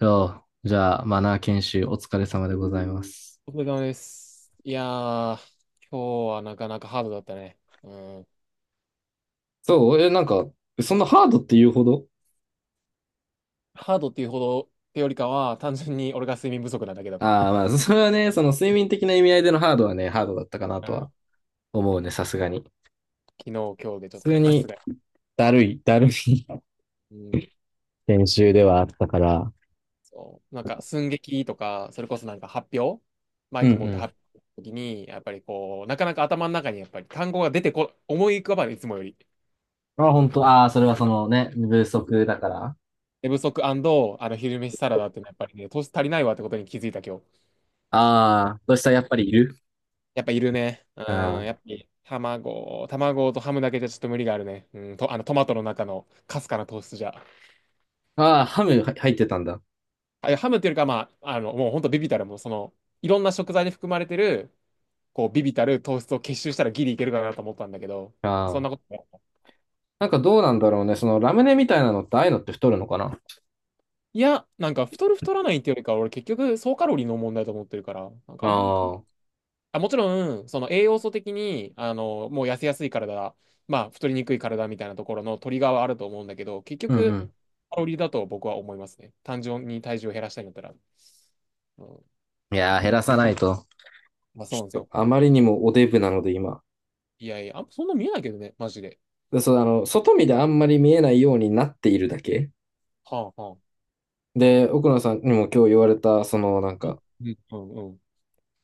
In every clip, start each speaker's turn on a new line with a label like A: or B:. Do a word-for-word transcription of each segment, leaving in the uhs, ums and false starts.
A: そじゃあ、マナー研修お疲れ様でございます。
B: お疲れ様です。いやー、今日はなかなかハードだったね。うん。
A: そう、え、なんか、そんなハードって言うほど、
B: ハードっていうほどってよりかは、単純に俺が睡眠不足なだけだった。
A: ああ、まあ、それはね、その睡眠的な意味合いでのハードはね、ハードだったかな
B: う
A: と
B: ん。
A: は思うね、さすがに。
B: 昨日、今日でちょっ
A: 普通
B: と、さ
A: に、
B: すがに。
A: だるい、だるい
B: うん。
A: 研修ではあったから。
B: そう。なんか、寸劇とか、それこそなんか発表マ
A: う
B: イク持って
A: ん
B: 発表の時に、やっぱりこう、なかなか頭の中にやっぱり単語が出てこ、思い浮かばない、いつもより。
A: うん。あ、本当、ああ、それはそのね、不足だから。
B: 寝不足あの昼飯サラダってのはやっぱりね、糖足りないわってことに気づいた今日。
A: ああ、そしたらやっぱりいる。
B: やっぱいるね。うん、やっ
A: あ
B: ぱり卵、卵とハムだけじゃちょっと無理があるね。うん、と、あのトマトの中のかすかな糖質じゃ。
A: あ、ああ、ハムは入ってたんだ。
B: あ、いやハムっていうよりか、まあ、あの、もうほんとビビたる、もうその、いろんな食材に含まれてる、こう、ビビたる糖質を結集したらギリいけるかなと思ったんだけど、
A: あ
B: そんなこ
A: あ。
B: とない。
A: なんかどうなんだろうね、そのラムネみたいなのって、ああいうのって太るのかな。
B: いや、なんか太る太らないっていうよりかは、俺結局総カロリーの問題だと思ってるから、なんかあんまり関
A: ああ、
B: あ、もちろん、その栄養素的に、あの、もう痩せやすい体、まあ、太りにくい体みたいなところのトリガーはあると思うんだけど、結
A: うんう
B: 局、
A: ん。
B: カロリーだと僕は思いますね。単純に体重を減らしたいんだったら。うん、
A: いやー、減らさないと。
B: まあ、そう
A: ち
B: なんです
A: ょっと
B: よ。
A: あまりにもおデブなので今。
B: いやいや、あんまそんな見えないけどね、マジで。
A: で、そう、あの、外見であんまり見えないようになっているだけ。
B: はあ、はあ。
A: で、奥野さんにも今日言われた、そのなんか、
B: うん、うん、うん。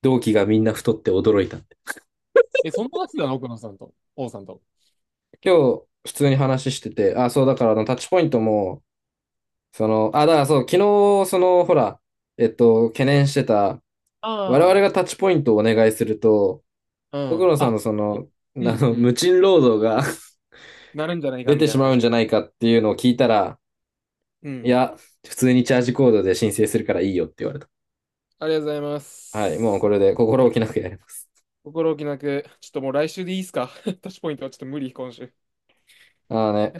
A: 同期がみんな太って驚いたって。
B: え、そんな話だな、奥野さんと、王さんと。
A: 今日、普通に話してて、あ、そう、だからあの、タッチポイントも、その、あ、だからそう、昨日、その、ほら、えっと、懸念してた、我々
B: あ
A: がタッチポイントをお願いすると、
B: あ、う
A: 奥
B: ん。
A: 野さんの
B: あ、
A: その、あ
B: うん、
A: の、
B: うん。
A: 無賃労働が
B: なるんじゃな いか、
A: 出
B: み
A: て
B: たい
A: し
B: な
A: まうん
B: 話。
A: じゃないかっていうのを聞いたら、
B: う
A: い
B: ん。
A: や、普通にチャージコードで申請するからいいよって言われた。
B: ありがとうございま
A: はい、もう
B: す。
A: これで心置きなくやります。
B: 心置きなく、ちょっともう来週でいいっすか？ タッチポイントはちょっと無理、今週。
A: ああね、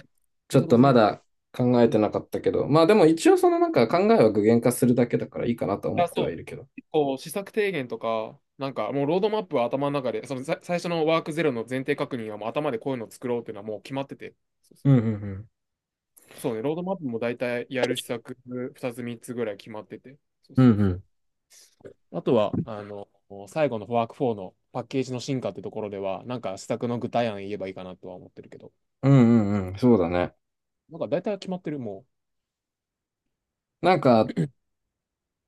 A: ち
B: そう
A: ょ
B: いう
A: っ
B: こと
A: と
B: すぎ
A: ま
B: る。
A: だ考え
B: う
A: て
B: ん。
A: なかったけど、まあでも一応そのなんか考えは具現化するだけだからいいかなと思っ
B: あ、
A: て
B: そ
A: はい
B: う。
A: るけど。
B: 結構、施策提言とか、なんかもうロードマップは頭の中で、そのさ最初のワークゼロの前提確認はもう頭でこういうのを作ろうっていうのはもう決まってて。そうそう
A: うんう
B: そう。
A: ん
B: そうね、ロードマップも大体やる施策ふたつみっつぐらい決まってて。そう
A: うん。
B: そ
A: う
B: う
A: んう
B: そ
A: ん。
B: う。あとは、あの、最後のワークよんのパッケージの進化ってところでは、なんか施策の具体案言えばいいかなとは思ってるけど。
A: うんうんうん。そうだね。
B: なんか大体は決まってる、も
A: なんか、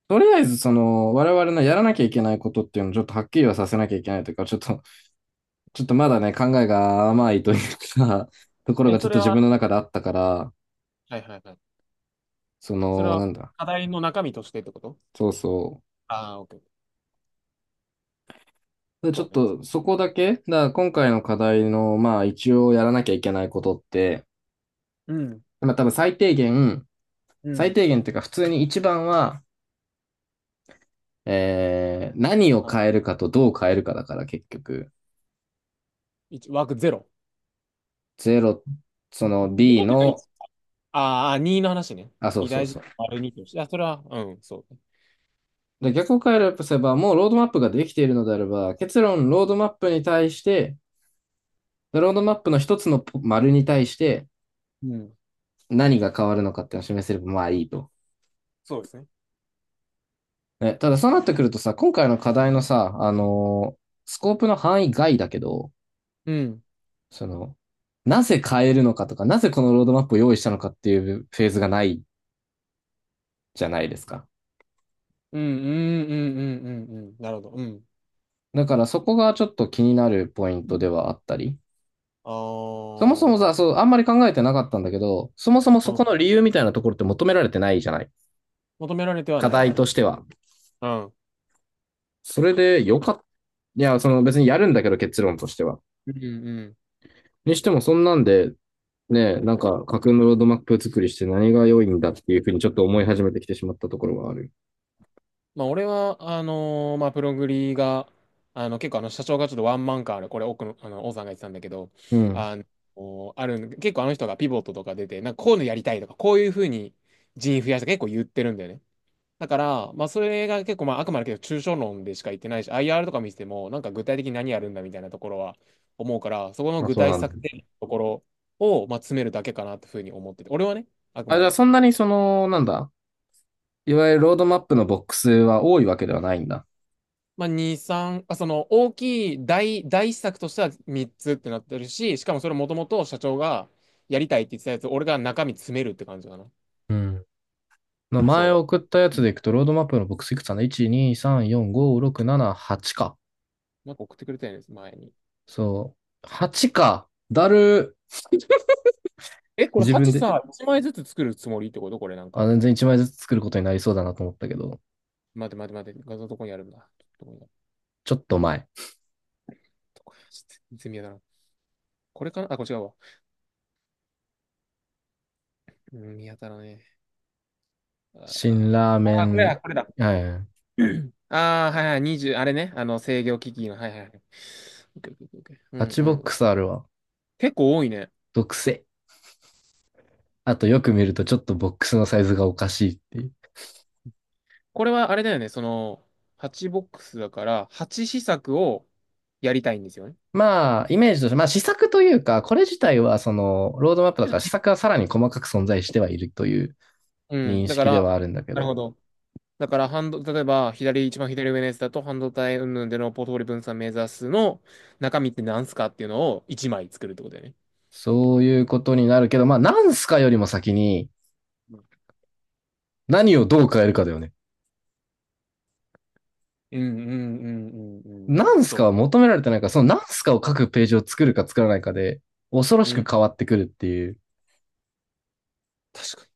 A: とりあえずその我々のやらなきゃいけないことっていうのをちょっとはっきりはさせなきゃいけないというか、ちょっと、ちょっとまだね、考えが甘いというか、ところ
B: う。え、
A: がちょ
B: そ
A: っ
B: れ
A: と自分
B: は、
A: の中であったから、
B: はいはいはい。
A: そ
B: それ
A: の、
B: は
A: なんだ、
B: 課題の中身としてってこと？
A: そうそう。
B: ああー、オッケー。
A: でちょ
B: そ
A: っ
B: うね。
A: とそこだけ、だから今回の課題の、まあ一応やらなきゃいけないことって、
B: うん。
A: まあ多分最低限、
B: う
A: 最
B: ん。
A: 低限っていうか普通に一番は、えー、何を
B: あ、
A: 変えるかとどう変えるかだから結局、
B: いち、枠ゼロ
A: ゼロ、その
B: ゼ
A: B
B: ロとか
A: の、
B: いち。ああ、にの話ね。
A: あ、そう
B: 偉
A: そう
B: 大事
A: そう。
B: 丸にとして。あ、それは、うん、そう。
A: で、逆を変えるとすれば、もうロードマップができているのであれば、結論、ロードマップに対して、ロードマップの一つの丸に対して
B: うん、
A: 何が変わるのかっていうのを示せれば、まあいいと。
B: そうですね。
A: ね、ただそうなってくるとさ、今回の課題のさ、あのースコープの範囲外だけど、
B: うん、
A: その、なぜ変えるのかとか、なぜこのロードマップを用意したのかっていうフェーズがないじゃないですか。
B: うん、うん、うん、うん、うん、うん。なるほど。うん。
A: だからそこがちょっと気になるポイントではあったり。
B: あ
A: そもそも
B: あ
A: さ、
B: ー、
A: そう、あんまり考えてなかったんだけど、そもそも
B: う
A: そ
B: ん。
A: この理由みたいなところって求められてないじゃない。
B: 求められては
A: 課
B: ない
A: 題
B: ね。
A: としては。
B: うん。
A: それでよかった。いや、その別にやるんだけど結論としては。
B: うん、うん。
A: にしてもそんなんで、ね、なんか架空のロードマップ作りして何が良いんだっていうふうにちょっと思い始めてきてしまったところがある。
B: まあ、俺は、あのーまあ、プログリが、あの、結構、あの、社長がちょっとワンマンカーで、これ、奥の、あの、王さんが言ってたんだけど、
A: うん。
B: あの、あるん結構あの人がピボットとか出て、なんか、こういうのやりたいとか、こういうふうに人員増やした結構言ってるんだよね。だから、まあ、それが結構、まあ、あくまでけど、抽象論でしか言ってないし、アイアール とか見てても、なんか具体的に何やるんだみたいなところは思うから、そこの
A: あ、
B: 具
A: そう
B: 体
A: なんだ。
B: 策定のところを、まあ、詰めるだけかなってふうに思ってて、俺はね、あく
A: あ、
B: ま
A: じゃあ
B: で。
A: そんなにその、なんだ、いわゆるロードマップのボックスは多いわけではないんだ。
B: まあ、に、さん、あ、その大きい大、大施策としてはみっつってなってるし、しかもそれもともと社長がやりたいって言ってたやつ、俺が中身詰めるって感じかな。
A: うん。まあ前
B: そ
A: 送
B: う。
A: ったやつ
B: うん、
A: でいくと、ロードマップのボックスいくつかな？ いち、に、さん、よん、ご、ろく、なな、はちか。
B: なんか送ってくれたんです、前に。
A: そう。はちか。だる
B: え、これ
A: 自分
B: はち
A: で。
B: さ、いちまいずつ作るつもりってことこれなん
A: あ、
B: か？
A: 全然いちまいずつ作ることになりそうだなと思ったけど、
B: 待て待て待て、画像どこにあるんだ。どこにある
A: ちょっと前。
B: どこにあるちょっと全然見当たらん。これかなあ、これ違うわ。うん、見当たらねえ。
A: 辛ラーメ
B: あーあー、これだ、
A: ン、
B: これだ。
A: はいはい、
B: ああ、はいはい、にじゅうあれね。あの、制御機器の、はいはいはい。オッケーオッケーオッケーう
A: パ
B: ん
A: チ
B: う
A: ボッ
B: ん。
A: クスあるわ。
B: 結構多いね。
A: 毒性。あとよく見るとちょっとボックスのサイズがおかしいっていう。
B: これはあれだよね、その、はちボックスだから、はち施策をやりたいんですよね。
A: まあ、イメージとして、まあ試作というか、これ自体はその、ロードマップだから試作はさらに細かく存在してはいるという
B: うん。
A: 認
B: だか
A: 識
B: ら、
A: ではあるんだけ
B: なる
A: ど、
B: ほど。だから、半導、例えば、左、一番左上のやつだと、半導体云々でのポートフォリオ分散目指すの中身って何すかっていうのをいちまい作るってことだよね。
A: そういうことになるけど、まあ、なんすかよりも先に
B: うん
A: 何をどう変えるかだよね。
B: うんうんうんうんうんう
A: ナ
B: ん。
A: ンすか
B: そ
A: は求められてないから、そのナンすかを書くページを作るか作らないかで、恐ろ
B: う。
A: し
B: う
A: く変
B: ん。
A: わってくるっていう。
B: 確かに。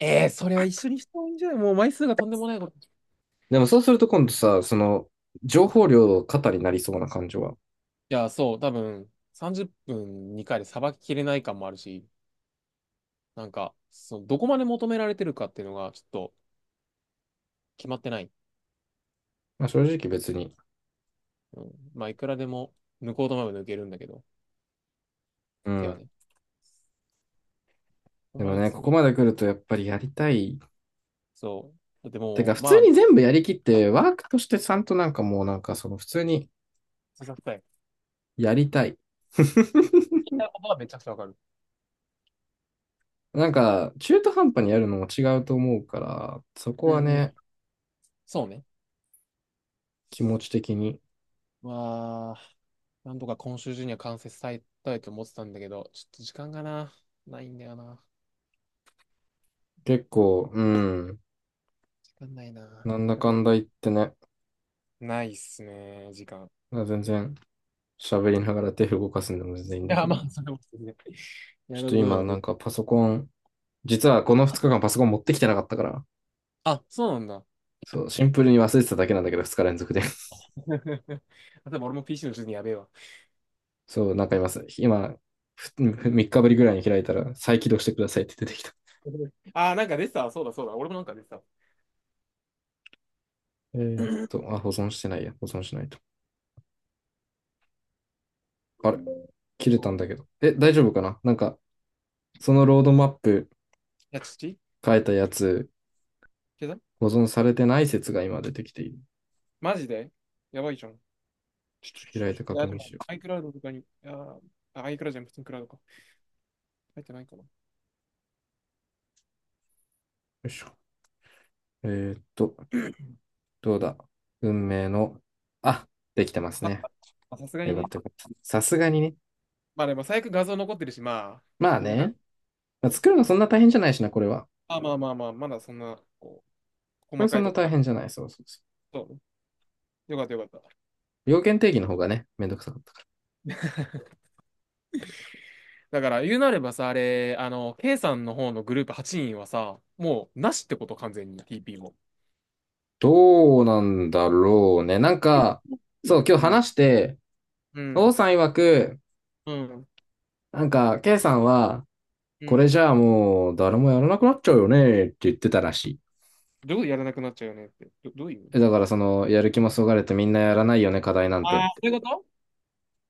B: ええー、それは一緒にした方がいいんじゃない？もう枚数がとんでもないこと。い
A: でもそうすると今度さ、その、情報量過多になりそうな感じは、
B: や、そう。多分、さんじゅっぷんにかいでさばききれない感もあるし。なんか、そのどこまで求められてるかっていうのがちょっと決まってない。
A: まあ、正直別に、
B: うん、まあ、いくらでも抜こうと思えば抜けるんだけど、
A: う
B: 手は
A: ん。
B: ね。ここ
A: で
B: ま
A: も
B: で
A: ね、こ
B: 詰
A: こ
B: め、
A: まで来るとやっぱりやりたい。
B: そう。だって
A: てか、
B: も
A: 普
B: う、
A: 通
B: まあ、
A: に全部やりきって、ワークとしてちゃんとなんかもうなんかその普通に
B: ささたい。
A: やりたい。
B: 言 いたいことはめちゃくちゃわかる。
A: なんか、中途半端にやるのも違うと思うから、そこ
B: う
A: は
B: んう
A: ね、
B: ん。そうね。
A: 気持ち的に。
B: まあ、なんとか今週中には完成されたいと思ってたんだけど、ちょっと時間がな、ないんだよな。
A: 結構、うん、
B: 時間ないな。
A: なん
B: や
A: だ
B: る
A: か
B: こと
A: んだ言ってね、
B: ないっすね、時間。い
A: 全然喋りながら手動かすんでも全然いいんだけ
B: や、ま
A: ど、
B: あ、それも、ね、
A: ち
B: や
A: ょっ
B: る
A: と
B: ことは
A: 今な
B: で。
A: んかパソコン、実はこのふつかかんパソコン持ってきてなかったから、
B: あ、そうなんだ。
A: そう、シンプルに忘れてただけなんだけど、ふつか連続で。
B: でも俺も ピーシー の時にやべえわ。
A: そう、なんか今す、今、さん 日ぶりぐらいに開いたら、再起動してくださいって出てきた。
B: ああ、なんか出てた。そうだそうだ。俺もなんか出てた。
A: えー、と、あ、保存してないや。保存しないと。あれ切れた
B: そ
A: ん
B: う
A: だ
B: ね。い
A: けど。え、大丈夫かななんか、そのロードマップ
B: や、土
A: 書いたやつ、
B: 消さ
A: 保存されてない説が今出てきている。
B: マジでやばいじゃん。ちょちょ
A: ちょ
B: ちょ
A: っと開いて
B: ちょい
A: 確
B: や、で
A: 認
B: も、
A: しよ
B: iCloud とかに、あー、あ iCloud じゃん、普通にクラウドか。入ってないかな。
A: う。よいしょ。えーっと、どうだ運命の、あ、できてます
B: あ、
A: ね。
B: まあさすがに
A: よかっ
B: ね。
A: たよかった。さすがにね。
B: まあでも、最悪画像残ってるし、まあ、
A: まあ
B: 作れな
A: ね。
B: く
A: まあ
B: と
A: 作るのそんな大変じゃないしな、これは。
B: あ、まあまあまあ、まだそんな、こう、
A: こ
B: 細
A: れ
B: か
A: そん
B: いと
A: な
B: こ
A: 大
B: まで。
A: 変じゃない。そうそうそ
B: そうね。よかったよかった。
A: う。要件定義の方がね、めんどくさかった。
B: だから、言うなればさ、あれ、あの、K さんの方のグループはちにんはさ、もう、なしってこと、完全に、ティーピー も。
A: どうなんだろうね。なんか、そう、今日
B: うん。
A: 話して、
B: う
A: 王
B: ん。
A: さん曰く、
B: うん。
A: なんか、K さんは、
B: う
A: これ
B: ん。
A: じゃあもう、誰もやらなくなっちゃうよね、って言ってたらしい。
B: どういうことやらなくなっちゃうよねって。ど、どういう
A: え、だ
B: や
A: か
B: ら
A: ら、
B: な
A: そ
B: くなっ、
A: の、やる気もそがれてみんなやらないよね、課題なんてっ
B: ああー、そ
A: て。
B: ういうこと、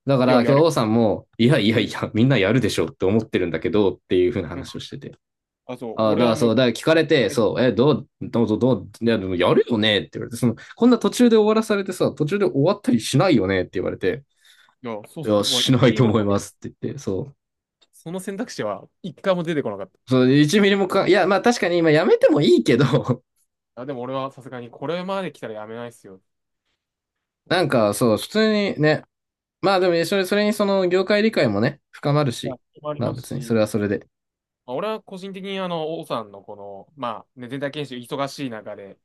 A: だか
B: い
A: ら、
B: や、
A: 今日
B: やる。
A: 王さんも、いやいや
B: う
A: い
B: ん。
A: や、みんなやるでしょって思ってるんだけど、っていうふうな
B: うん。
A: 話をしてて。
B: あ、そう。
A: ああ、だ
B: 俺
A: から
B: はも
A: そう、
B: う、
A: だから聞かれて、
B: えい
A: そう、え、どう、どうぞどう、いや、でもやるよねって言われて、その、こんな途中で終わらされてさ、途中で終わったりしないよねって言われて、
B: や、そう、
A: いや、
B: まあ、
A: し
B: 一
A: ない
B: ミリ
A: と
B: も
A: 思い
B: 考え
A: ますって言って、そう。
B: その選択肢は一回も出てこなかった。
A: そう、いちミリミリもか、いや、まあ確かに今やめてもいいけど、
B: あ、でも俺はさすがにこれまで来たらやめないっすよ。う
A: なん
B: ん。
A: かそう、普通にね、まあでも、それ、それにその業界理解もね、深まる
B: まあ、
A: し、
B: それもあり
A: まあ
B: ます
A: 別にそ
B: し、
A: れはそれで。
B: まあ、俺は個人的にあの、王さんのこの、まあ、ね、全体研修忙しい中で、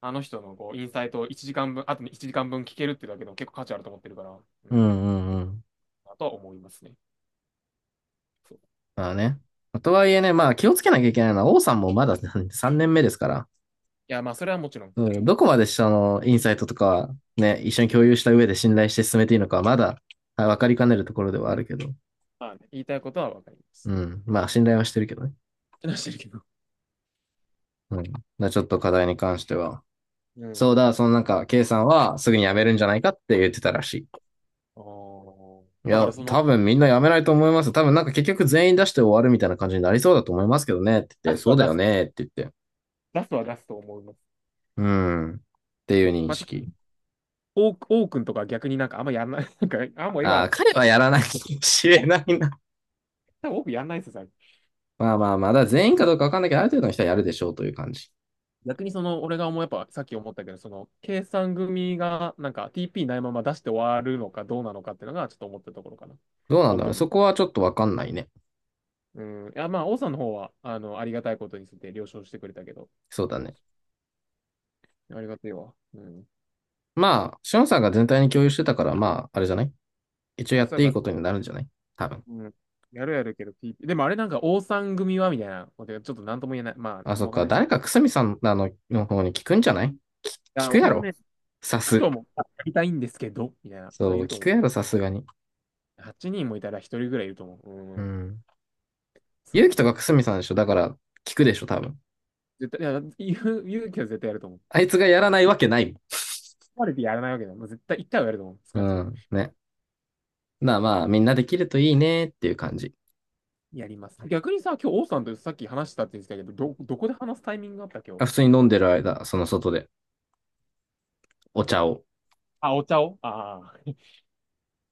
B: あの人のこう、インサイトをいちじかんぶん、あといちじかんぶん聞けるってだけでも結構価値あると思ってるから、う
A: うん
B: ん。
A: うんうん。
B: だとは思いますね。そう。
A: まあね。とはい
B: そう
A: えね、まあ気をつけなきゃいけないのは、王さんもまださんねんめですから、
B: いや、まあ、それはもちろん。
A: うん、どこまでそのインサイトとかね、一緒に共有した上で信頼して進めていいのかはまだ分かりかねるところではあるけど、
B: まあね、言いたいことはわかります。
A: うん。まあ信頼はしてるけどね。
B: ってなしてるけど。
A: うん。まあちょっと課題に関しては、
B: うん。
A: そうだ、そのなんか、K さんはすぐに辞めるんじゃないかって言ってたらし
B: お
A: い。い
B: あ。だか
A: や、
B: らその、
A: 多分みんな辞めないと思います。多分なんか結局全員出して終わるみたいな感じになりそうだと思いますけどねって言
B: 出
A: って、
B: す
A: そ
B: は
A: うだ
B: 出
A: よ
B: す。
A: ねって言って。
B: 出すは出すと思います。
A: うん。っていう認
B: まあちょっ
A: 識。
B: と、オークオークとか逆になんかあんまやんない。なんか、あ、もういい
A: あ
B: わ
A: あ、
B: とか言っ
A: 彼
B: て。
A: はやらないかもしれないな。
B: 多分オーやんないですよ、最近。
A: まあまあまあ、だから全員かどうかわかんないけど、ある程度の人はやるでしょうという感じ。
B: 逆にその、俺が思う、やっぱさっき思ったけど、その、計算組がなんか ティーピー ないまま出して終わるのかどうなのかっていうのがちょっと思ったところかな。
A: どうなんだ
B: 本
A: ろう
B: 当
A: ね。
B: に。
A: そこはちょっとわかんないね。
B: うん。いや、まあ、王さんの方は、あの、ありがたいことについて了承してくれたけど、
A: そうだね。
B: ありがたいわ。うん。
A: まあ、シオンさんが全体に共有してたから、まあ、あれじゃない、一応
B: 言っ
A: や
B: て
A: っ
B: た
A: て
B: か
A: いい
B: ら、
A: ことになるんじゃない、多分。
B: うん。やるやるけど、ピーピーでもあれなんか、王さん組はみたいなことがちょっとなんとも言えない。まあ、
A: あ、
B: なんと
A: そ
B: も
A: っ
B: わかん
A: か。
B: ないで
A: 誰
B: す。
A: かくすみさんあのの方に聞くんじゃない、き聞
B: あ、
A: く
B: 俺
A: や
B: も
A: ろ
B: ね、聞
A: さ
B: く
A: す。
B: ともやりたいんですけど、みたいな人は
A: そ
B: い
A: う、
B: ると
A: 聞く
B: 思
A: やろ、さすがに。
B: う。はちにんもいたら一人ぐらいいると思う。
A: う
B: うん。
A: ん。勇
B: そ
A: 気
B: う
A: とかく
B: ね。
A: すみさんでしょだから、聞くでしょ、多分。
B: 絶対、いや、言う、言うけど絶対やると思う。
A: あいつがやらないわけない
B: 壊れてやらないわけだ。もう絶対いっかいはやると思う。少
A: も
B: なくと
A: ん。う
B: も。
A: ん。ね。なあまあ、みんなできるといいねっていう感じ。
B: やります。逆にさ、今日王さんとさっき話したって言ってたけど、ど、どこで話すタイミングがあった今日。
A: あ普通に飲んでる間、その外で、お茶を。
B: あ、お茶をああー。